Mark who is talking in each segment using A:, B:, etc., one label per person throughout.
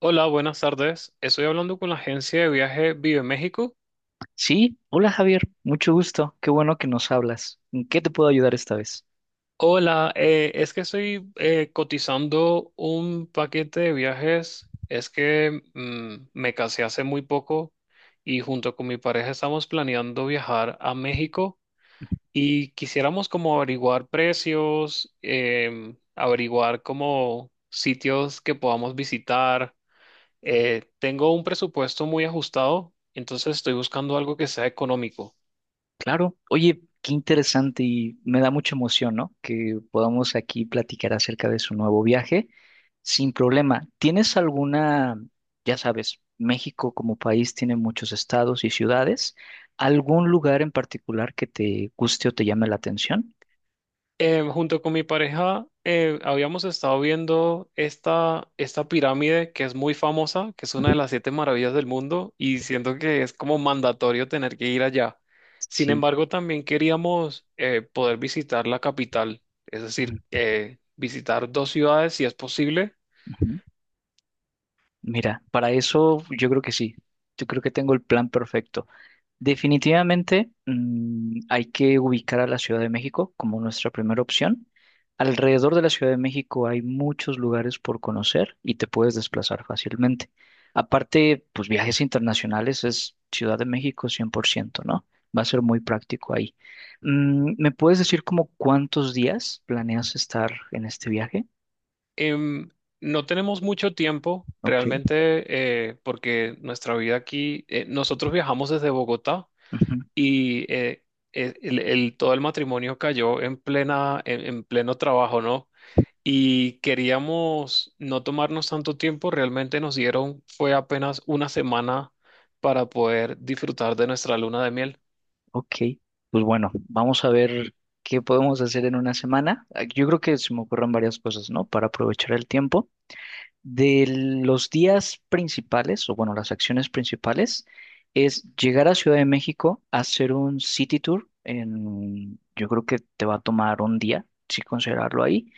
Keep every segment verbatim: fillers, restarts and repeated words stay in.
A: Hola, buenas tardes. Estoy hablando con la agencia de viaje Vive México.
B: Sí, hola Javier, mucho gusto, qué bueno que nos hablas. ¿En qué te puedo ayudar esta vez?
A: Hola, eh, es que estoy eh, cotizando un paquete de viajes. Es que mm, me casé hace muy poco y junto con mi pareja estamos planeando viajar a México y quisiéramos como averiguar precios, em, averiguar como sitios que podamos visitar. Eh, tengo un presupuesto muy ajustado, entonces estoy buscando algo que sea económico.
B: Claro, oye, qué interesante y me da mucha emoción, ¿no? Que podamos aquí platicar acerca de su nuevo viaje sin problema. ¿Tienes alguna, ya sabes, México como país tiene muchos estados y ciudades, algún lugar en particular que te guste o te llame la atención?
A: Eh, junto con mi pareja eh, habíamos estado viendo esta, esta pirámide que es muy famosa, que es una
B: Ujú.
A: de las siete maravillas del mundo, y siento que es como mandatorio tener que ir allá. Sin
B: Sí,
A: embargo, también queríamos eh, poder visitar la capital, es decir,
B: ujú,
A: eh, visitar dos ciudades si es posible.
B: ujú. Mira, para eso yo creo que sí. Yo creo que tengo el plan perfecto. Definitivamente, mm, hay que ubicar a la Ciudad de México como nuestra primera opción. Alrededor de la Ciudad de México hay muchos lugares por conocer y te puedes desplazar fácilmente. Aparte, pues viajes internacionales es Ciudad de México cien por ciento, ¿no? Va a ser muy práctico ahí. Mm, ¿me puedes decir como cuántos días planeas estar en este viaje?
A: Em, no tenemos mucho tiempo
B: Ok.
A: realmente, eh, porque nuestra vida aquí, eh, nosotros viajamos desde Bogotá. Y eh, eh, el, el- todo el matrimonio cayó en plena, en, en pleno trabajo, ¿no? Y queríamos no tomarnos tanto tiempo, realmente nos dieron, fue apenas una semana para poder disfrutar de nuestra luna de miel.
B: Ok, pues bueno, vamos a ver qué podemos hacer en una semana. Ah, yo creo que se me ocurren varias cosas, ¿no? Para aprovechar el tiempo. De los días principales, o bueno, las acciones principales, es llegar a Ciudad de México, hacer un city tour en, yo creo que te va a tomar un día, si considerarlo ahí,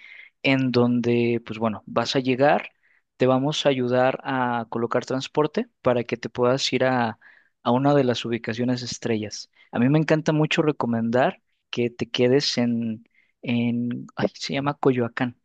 B: en donde, pues bueno, vas a llegar, te vamos a ayudar a colocar transporte para que te puedas ir a, a una de las ubicaciones estrellas. A mí me encanta mucho recomendar que te quedes en, en, ay, se llama Coyoacán.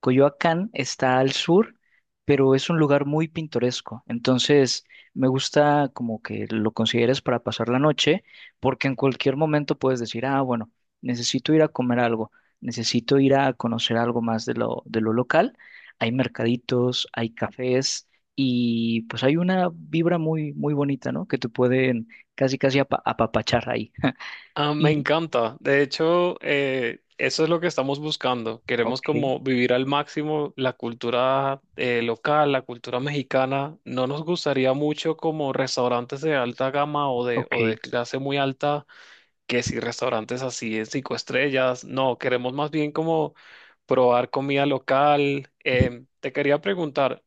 B: Coyoacán está al sur, pero es un lugar muy pintoresco. Entonces, me gusta como que lo consideres para pasar la noche, porque en cualquier momento puedes decir, ah, bueno, necesito ir a comer algo, necesito ir a conocer algo más de lo, de lo local. Hay mercaditos, hay cafés y pues hay una vibra muy, muy bonita, ¿no? Que te pueden casi, casi apa- apapachar ahí.
A: Ah, me
B: Y,
A: encanta, de hecho, eh, eso es lo que estamos buscando, queremos
B: ok,
A: como vivir al máximo la cultura eh, local, la cultura mexicana. No nos gustaría mucho como restaurantes de alta gama o de, o de
B: ok.
A: clase muy alta, que si restaurantes así de cinco estrellas. No, queremos más bien como probar comida local. Em, te quería preguntar,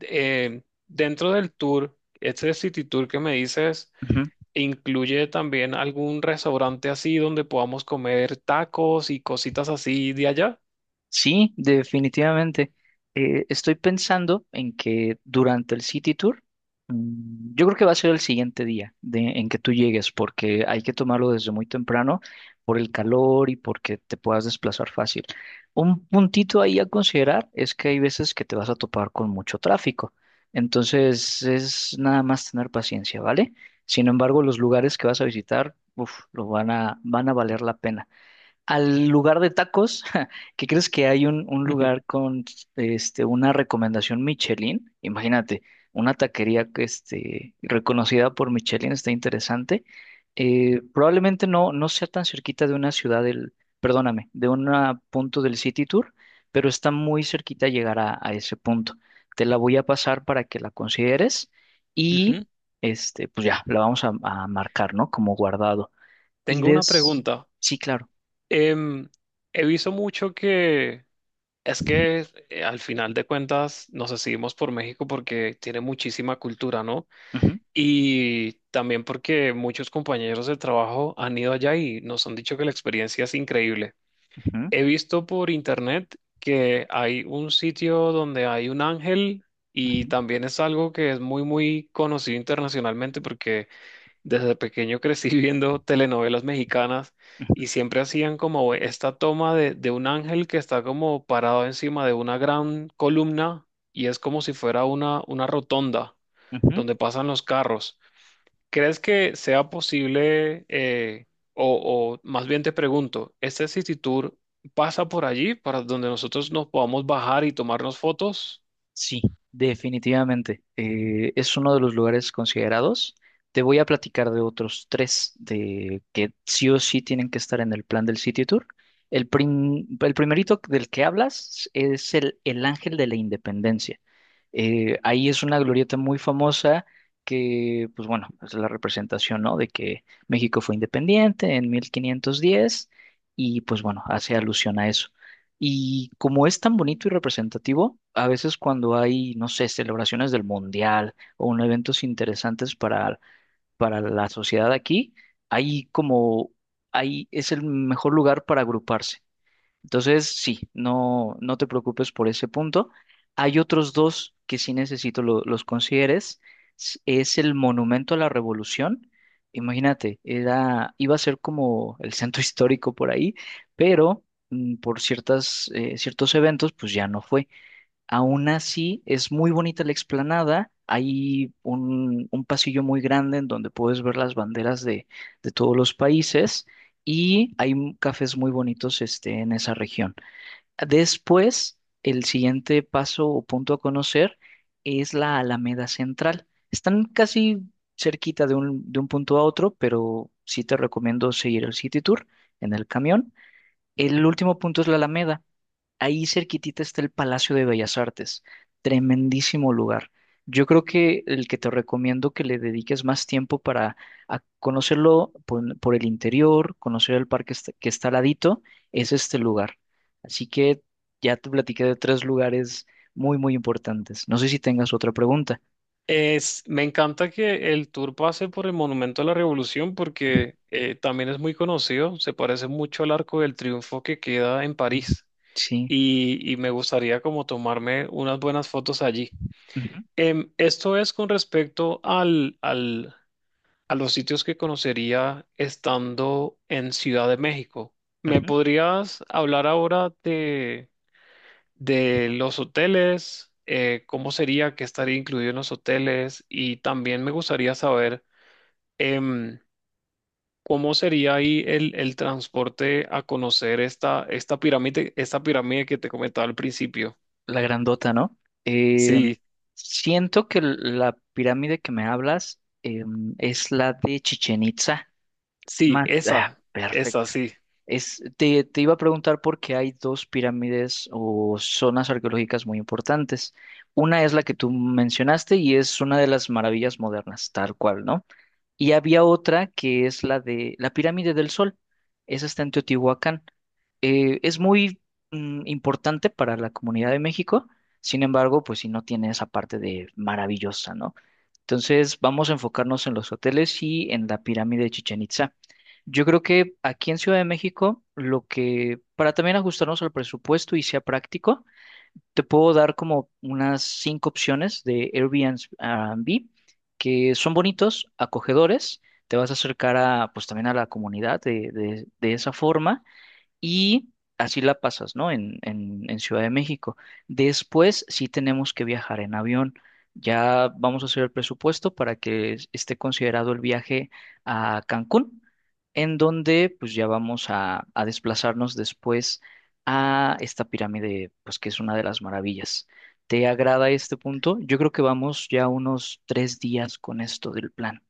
A: em, dentro del tour, este City Tour que me dices,
B: Ujú.
A: ¿incluye también algún restaurante así donde podamos comer tacos y cositas así de allá?
B: Sí, definitivamente. Eh, estoy pensando en que durante el City Tour, mm, yo creo que va a ser el siguiente día de- en que tú llegues, porque hay que tomarlo desde muy temprano por el calor y porque te puedas desplazar fácil. Un puntito ahí a considerar es que hay veces que te vas a topar con mucho tráfico, entonces es nada más tener paciencia, ¿vale? Sin embargo, los lugares que vas a visitar, uf, lo van a, van a valer la pena al lugar de tacos, ¿qué crees que hay un, un lugar con este, una recomendación Michelin? Imagínate, una taquería que este, reconocida por Michelin está interesante. Eh, probablemente no, no sea tan cerquita de una ciudad del, perdóname, de un punto del City Tour, pero está muy cerquita llegar a, a ese punto. Te la voy a pasar para que la consideres y
A: Ujú.
B: este, pues ya, la vamos a, a marcar, ¿no? Como guardado. Y
A: Tengo una
B: des,
A: pregunta.
B: sí, claro.
A: Em, He visto mucho que es que eh, al final de cuentas nos decidimos por México porque tiene muchísima cultura, ¿no?
B: Ujú.
A: Y también porque muchos compañeros de trabajo han ido allá y nos han dicho que la experiencia es increíble.
B: Ujú,
A: He visto por internet que hay un sitio donde hay un ángel,
B: ujú,
A: y también es algo que es muy, muy conocido internacionalmente, porque desde pequeño crecí viendo telenovelas mexicanas
B: ujú,
A: y siempre hacían como esta toma de, de un ángel que está como parado encima de una gran columna, y es como si fuera una, una rotonda
B: ujú.
A: donde pasan los carros. ¿Crees que sea posible, eh, o, o más bien te pregunto, este City Tour pasa por allí para donde nosotros nos podamos bajar y tomarnos fotos?
B: Sí, definitivamente. Eh, es uno de los lugares considerados. Te voy a platicar de otros tres de que sí o sí tienen que estar en el plan del City Tour. El, prim- el primerito del que hablas es el, el Ángel de la Independencia. Eh, ahí es una glorieta muy famosa que, pues bueno, es la representación, ¿no? De que México fue independiente en mil quinientos diez y pues bueno, hace alusión a eso. Y como es tan bonito y representativo, a veces cuando hay, no sé, celebraciones del mundial o un eventos interesantes para, para la sociedad aquí, hay como, ahí es el mejor lugar para agruparse. Entonces, sí, no, no te preocupes por ese punto. Hay otros dos que sí necesito lo- los consideres. S- Es el Monumento a la Revolución. Imagínate, era, iba a ser como el centro histórico por ahí, pero mm, por ciertas, eh, ciertos eventos, pues ya no fue. Aún así, es muy bonita la explanada. Hay un, un pasillo muy grande en donde puedes ver las banderas de, de todos los países y hay m- cafés muy bonitos este, en esa región. Después, el siguiente paso o punto a conocer es la Alameda Central. Están casi cerquita de un, de un punto a otro, pero sí te recomiendo seguir el City Tour en el camión. El último punto es la Alameda. Ahí cerquitita está el Palacio de Bellas Artes, tremendísimo lugar. Yo creo que el que te recomiendo que le dediques más tiempo para a conocerlo por, por el interior, conocer el parque est- que está al ladito, es este lugar. Así que ya te platiqué de tres lugares muy, muy importantes. No sé si tengas otra pregunta.
A: Es, me encanta que el tour pase por el Monumento a la Revolución, porque eh, también es muy conocido, se parece mucho al Arco del Triunfo que queda en
B: Mm.
A: París,
B: Sí.
A: y, y me gustaría como tomarme unas buenas fotos allí.
B: Ujú,
A: Em, esto es con respecto al, al a los sitios que conocería estando en Ciudad de México. ¿Me
B: ujú.
A: podrías hablar ahora de, de los hoteles? Eh, ¿cómo sería que estaría incluido en los hoteles? Y también me gustaría saber em, cómo sería ahí el, el transporte a conocer esta, esta pirámide, esta pirámide que te comentaba al principio.
B: La grandota, ¿no? Eh,
A: Sí,
B: Siento que l- la pirámide que me hablas em, es la de Chichen
A: sí,
B: Más, ah,
A: esa, esa,
B: perfecto.
A: sí.
B: Es, te, te iba a preguntar por qué hay dos pirámides o zonas arqueológicas muy importantes. Una es la que tú mencionaste y es una de las maravillas modernas, tal cual, ¿no? Y había otra que es la de la Pirámide del Sol. Esa está en Teotihuacán. Eh, es muy mm, importante para la comunidad de México, sin embargo, pues si no tiene esa parte de maravillosa, ¿no? Entonces, vamos a enfocarnos en los hoteles y en la pirámide de Chichén Itzá. Yo creo que aquí en Ciudad de México, lo que, para también ajustarnos al presupuesto y sea práctico, te puedo dar como unas cinco opciones de Airbnb que son bonitos, acogedores. Te vas a acercar a, pues también a la comunidad de, de- de esa forma y así la pasas, ¿no? En, en, en Ciudad de México. Después sí tenemos que viajar en avión. Ya vamos a hacer el presupuesto para que es- esté considerado el viaje a Cancún, en donde pues ya vamos a, a desplazarnos después a esta pirámide, pues que es una de las maravillas. ¿Te agrada este punto? Yo creo que vamos ya unos tres días con esto del plan.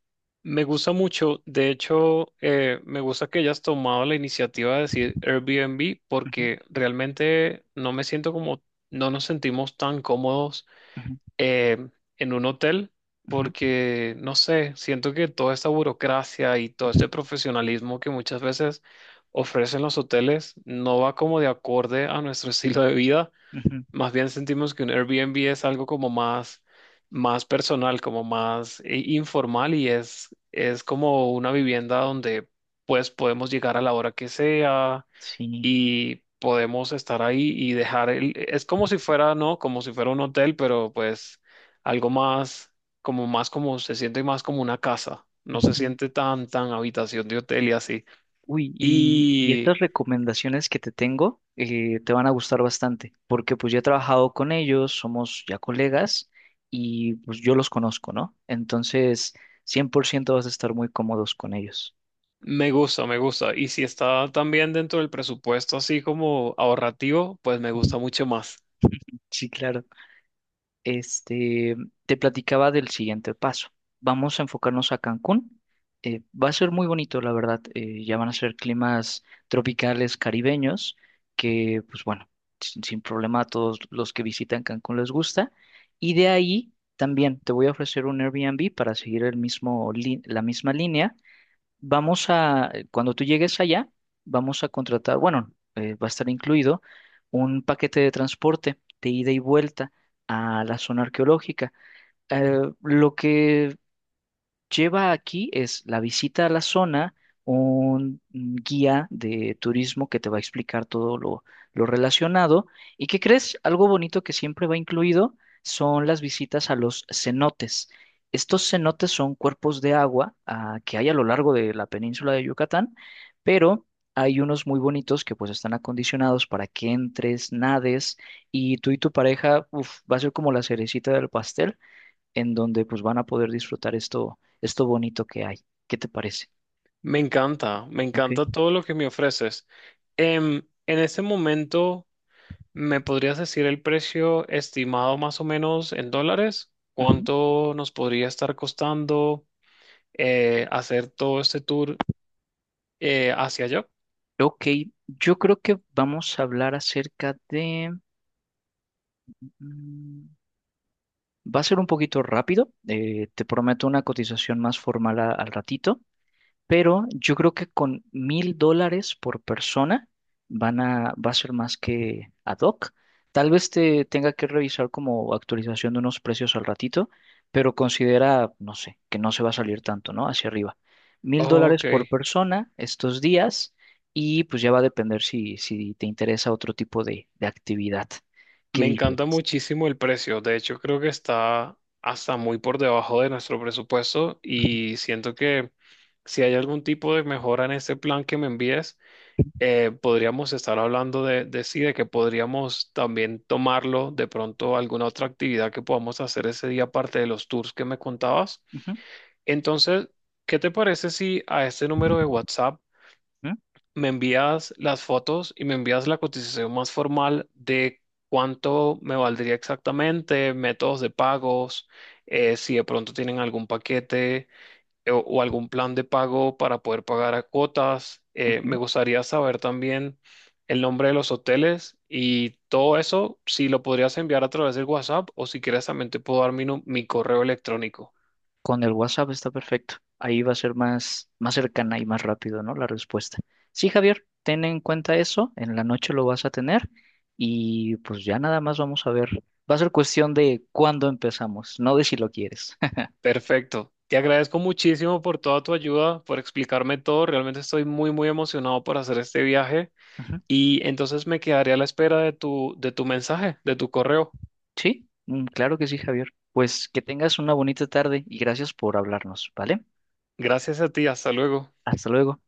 A: Me gusta mucho, de hecho, eh, me gusta que hayas tomado la iniciativa de decir Airbnb,
B: Ujú,
A: porque realmente no me siento como, no nos sentimos tan cómodos
B: ujú,
A: eh, en un hotel,
B: ujú,
A: porque, no sé, siento que toda esta burocracia y todo
B: ujú,
A: este profesionalismo que muchas veces ofrecen los hoteles no va como de acorde a nuestro estilo de vida.
B: ujú.
A: Más bien sentimos que un Airbnb es algo como más, más personal, como más eh, informal, y es, es como una vivienda donde pues podemos llegar a la hora que sea
B: Sí.
A: y podemos estar ahí y dejar el... Es como si fuera, ¿no? Como si fuera un hotel, pero pues algo más, como más, como se siente más como una casa. No se
B: Ujú.
A: siente tan, tan habitación de hotel y así.
B: Uy, y, y
A: Y...
B: estas recomendaciones que te tengo eh, te van a gustar bastante, porque pues ya he trabajado con ellos, somos ya colegas y pues yo los conozco, ¿no? Entonces, cien por ciento vas a estar muy cómodos con ellos.
A: Me gusta, me gusta. Y si está también dentro del presupuesto, así como ahorrativo, pues me gusta mucho más.
B: Sí, claro. Este, te platicaba del siguiente paso. Vamos a enfocarnos a Cancún. Eh, va a ser muy bonito, la verdad. Eh, ya van a ser climas tropicales caribeños que, pues bueno, sin, sin problema a todos los que visitan Cancún les gusta. Y de ahí también te voy a ofrecer un Airbnb para seguir el mismo, lin- la misma línea. Vamos a, eh, cuando tú llegues allá, vamos a contratar, bueno, eh, va a estar incluido un paquete de transporte de ida y vuelta a la zona arqueológica. Eh, lo que lleva aquí es la visita a la zona, un guía de turismo que te va a explicar todo lo, lo relacionado. ¿Y qué crees? Algo bonito que siempre va incluido son las visitas a los cenotes. Estos cenotes son cuerpos de agua ah, que hay a lo largo de la península de Yucatán, pero hay unos muy bonitos que pues están acondicionados para que entres, nades y tú y tu pareja, uf, va a ser como la cerecita del pastel en donde pues van a poder disfrutar esto, esto bonito que hay. ¿Qué te parece?
A: Me encanta, me
B: Ok.
A: encanta todo lo que me ofreces. Em, en este momento, ¿me podrías decir el precio estimado más o menos en dólares?
B: Ujú.
A: ¿Cuánto nos podría estar costando eh, hacer todo este tour eh, hacia allá?
B: Ok, yo creo que vamos a hablar acerca de... mm, va a ser un poquito rápido, eh, te prometo una cotización más formal a- al ratito, pero yo creo que con mil dólares por persona van a, va a ser más que ad hoc. Tal vez te tenga que revisar como actualización de unos precios al ratito, pero considera, no sé, que no se va a salir tanto, ¿no? Hacia arriba. Mil dólares
A: Ok.
B: por persona estos días y pues ya va a depender si, si te interesa otro tipo de, de actividad. ¿Qué
A: Me
B: dices?
A: encanta muchísimo el precio. De hecho, creo que está hasta muy por debajo de nuestro presupuesto, y siento que si hay algún tipo de mejora en este plan que me envíes, eh, podríamos estar hablando de, de sí, de que podríamos también tomarlo de pronto a alguna otra actividad que podamos hacer ese día, aparte de los tours que me contabas.
B: Ujú,
A: Entonces, ¿qué te parece si a este número de WhatsApp
B: ujú,
A: me envías las fotos y me envías la cotización más formal de cuánto me valdría exactamente, métodos de pagos, eh, si de pronto tienen algún paquete eh, o, o algún plan de pago para poder pagar a cuotas? Eh, me
B: ujú.
A: gustaría saber también el nombre de los hoteles y todo eso, si lo podrías enviar a través del WhatsApp, o si quieres también te puedo dar mi, nu- mi correo electrónico.
B: Con el WhatsApp está perfecto. Ahí va a ser más, más cercana y más rápido, ¿no? La respuesta. Sí, Javier, ten en cuenta eso. En la noche lo vas a tener y pues ya nada más vamos a ver. Va a ser cuestión de cuándo empezamos, no de si lo quieres.
A: Perfecto. Te agradezco muchísimo por toda tu ayuda, por explicarme todo. Realmente estoy muy, muy emocionado por hacer este viaje,
B: Ujú.
A: y entonces me quedaré a la espera de tu, de tu mensaje, de tu correo.
B: Sí, mm, claro que sí, Javier. Pues que tengas una bonita tarde y gracias por hablarnos, ¿vale?
A: Gracias a ti. Hasta luego.
B: Hasta luego.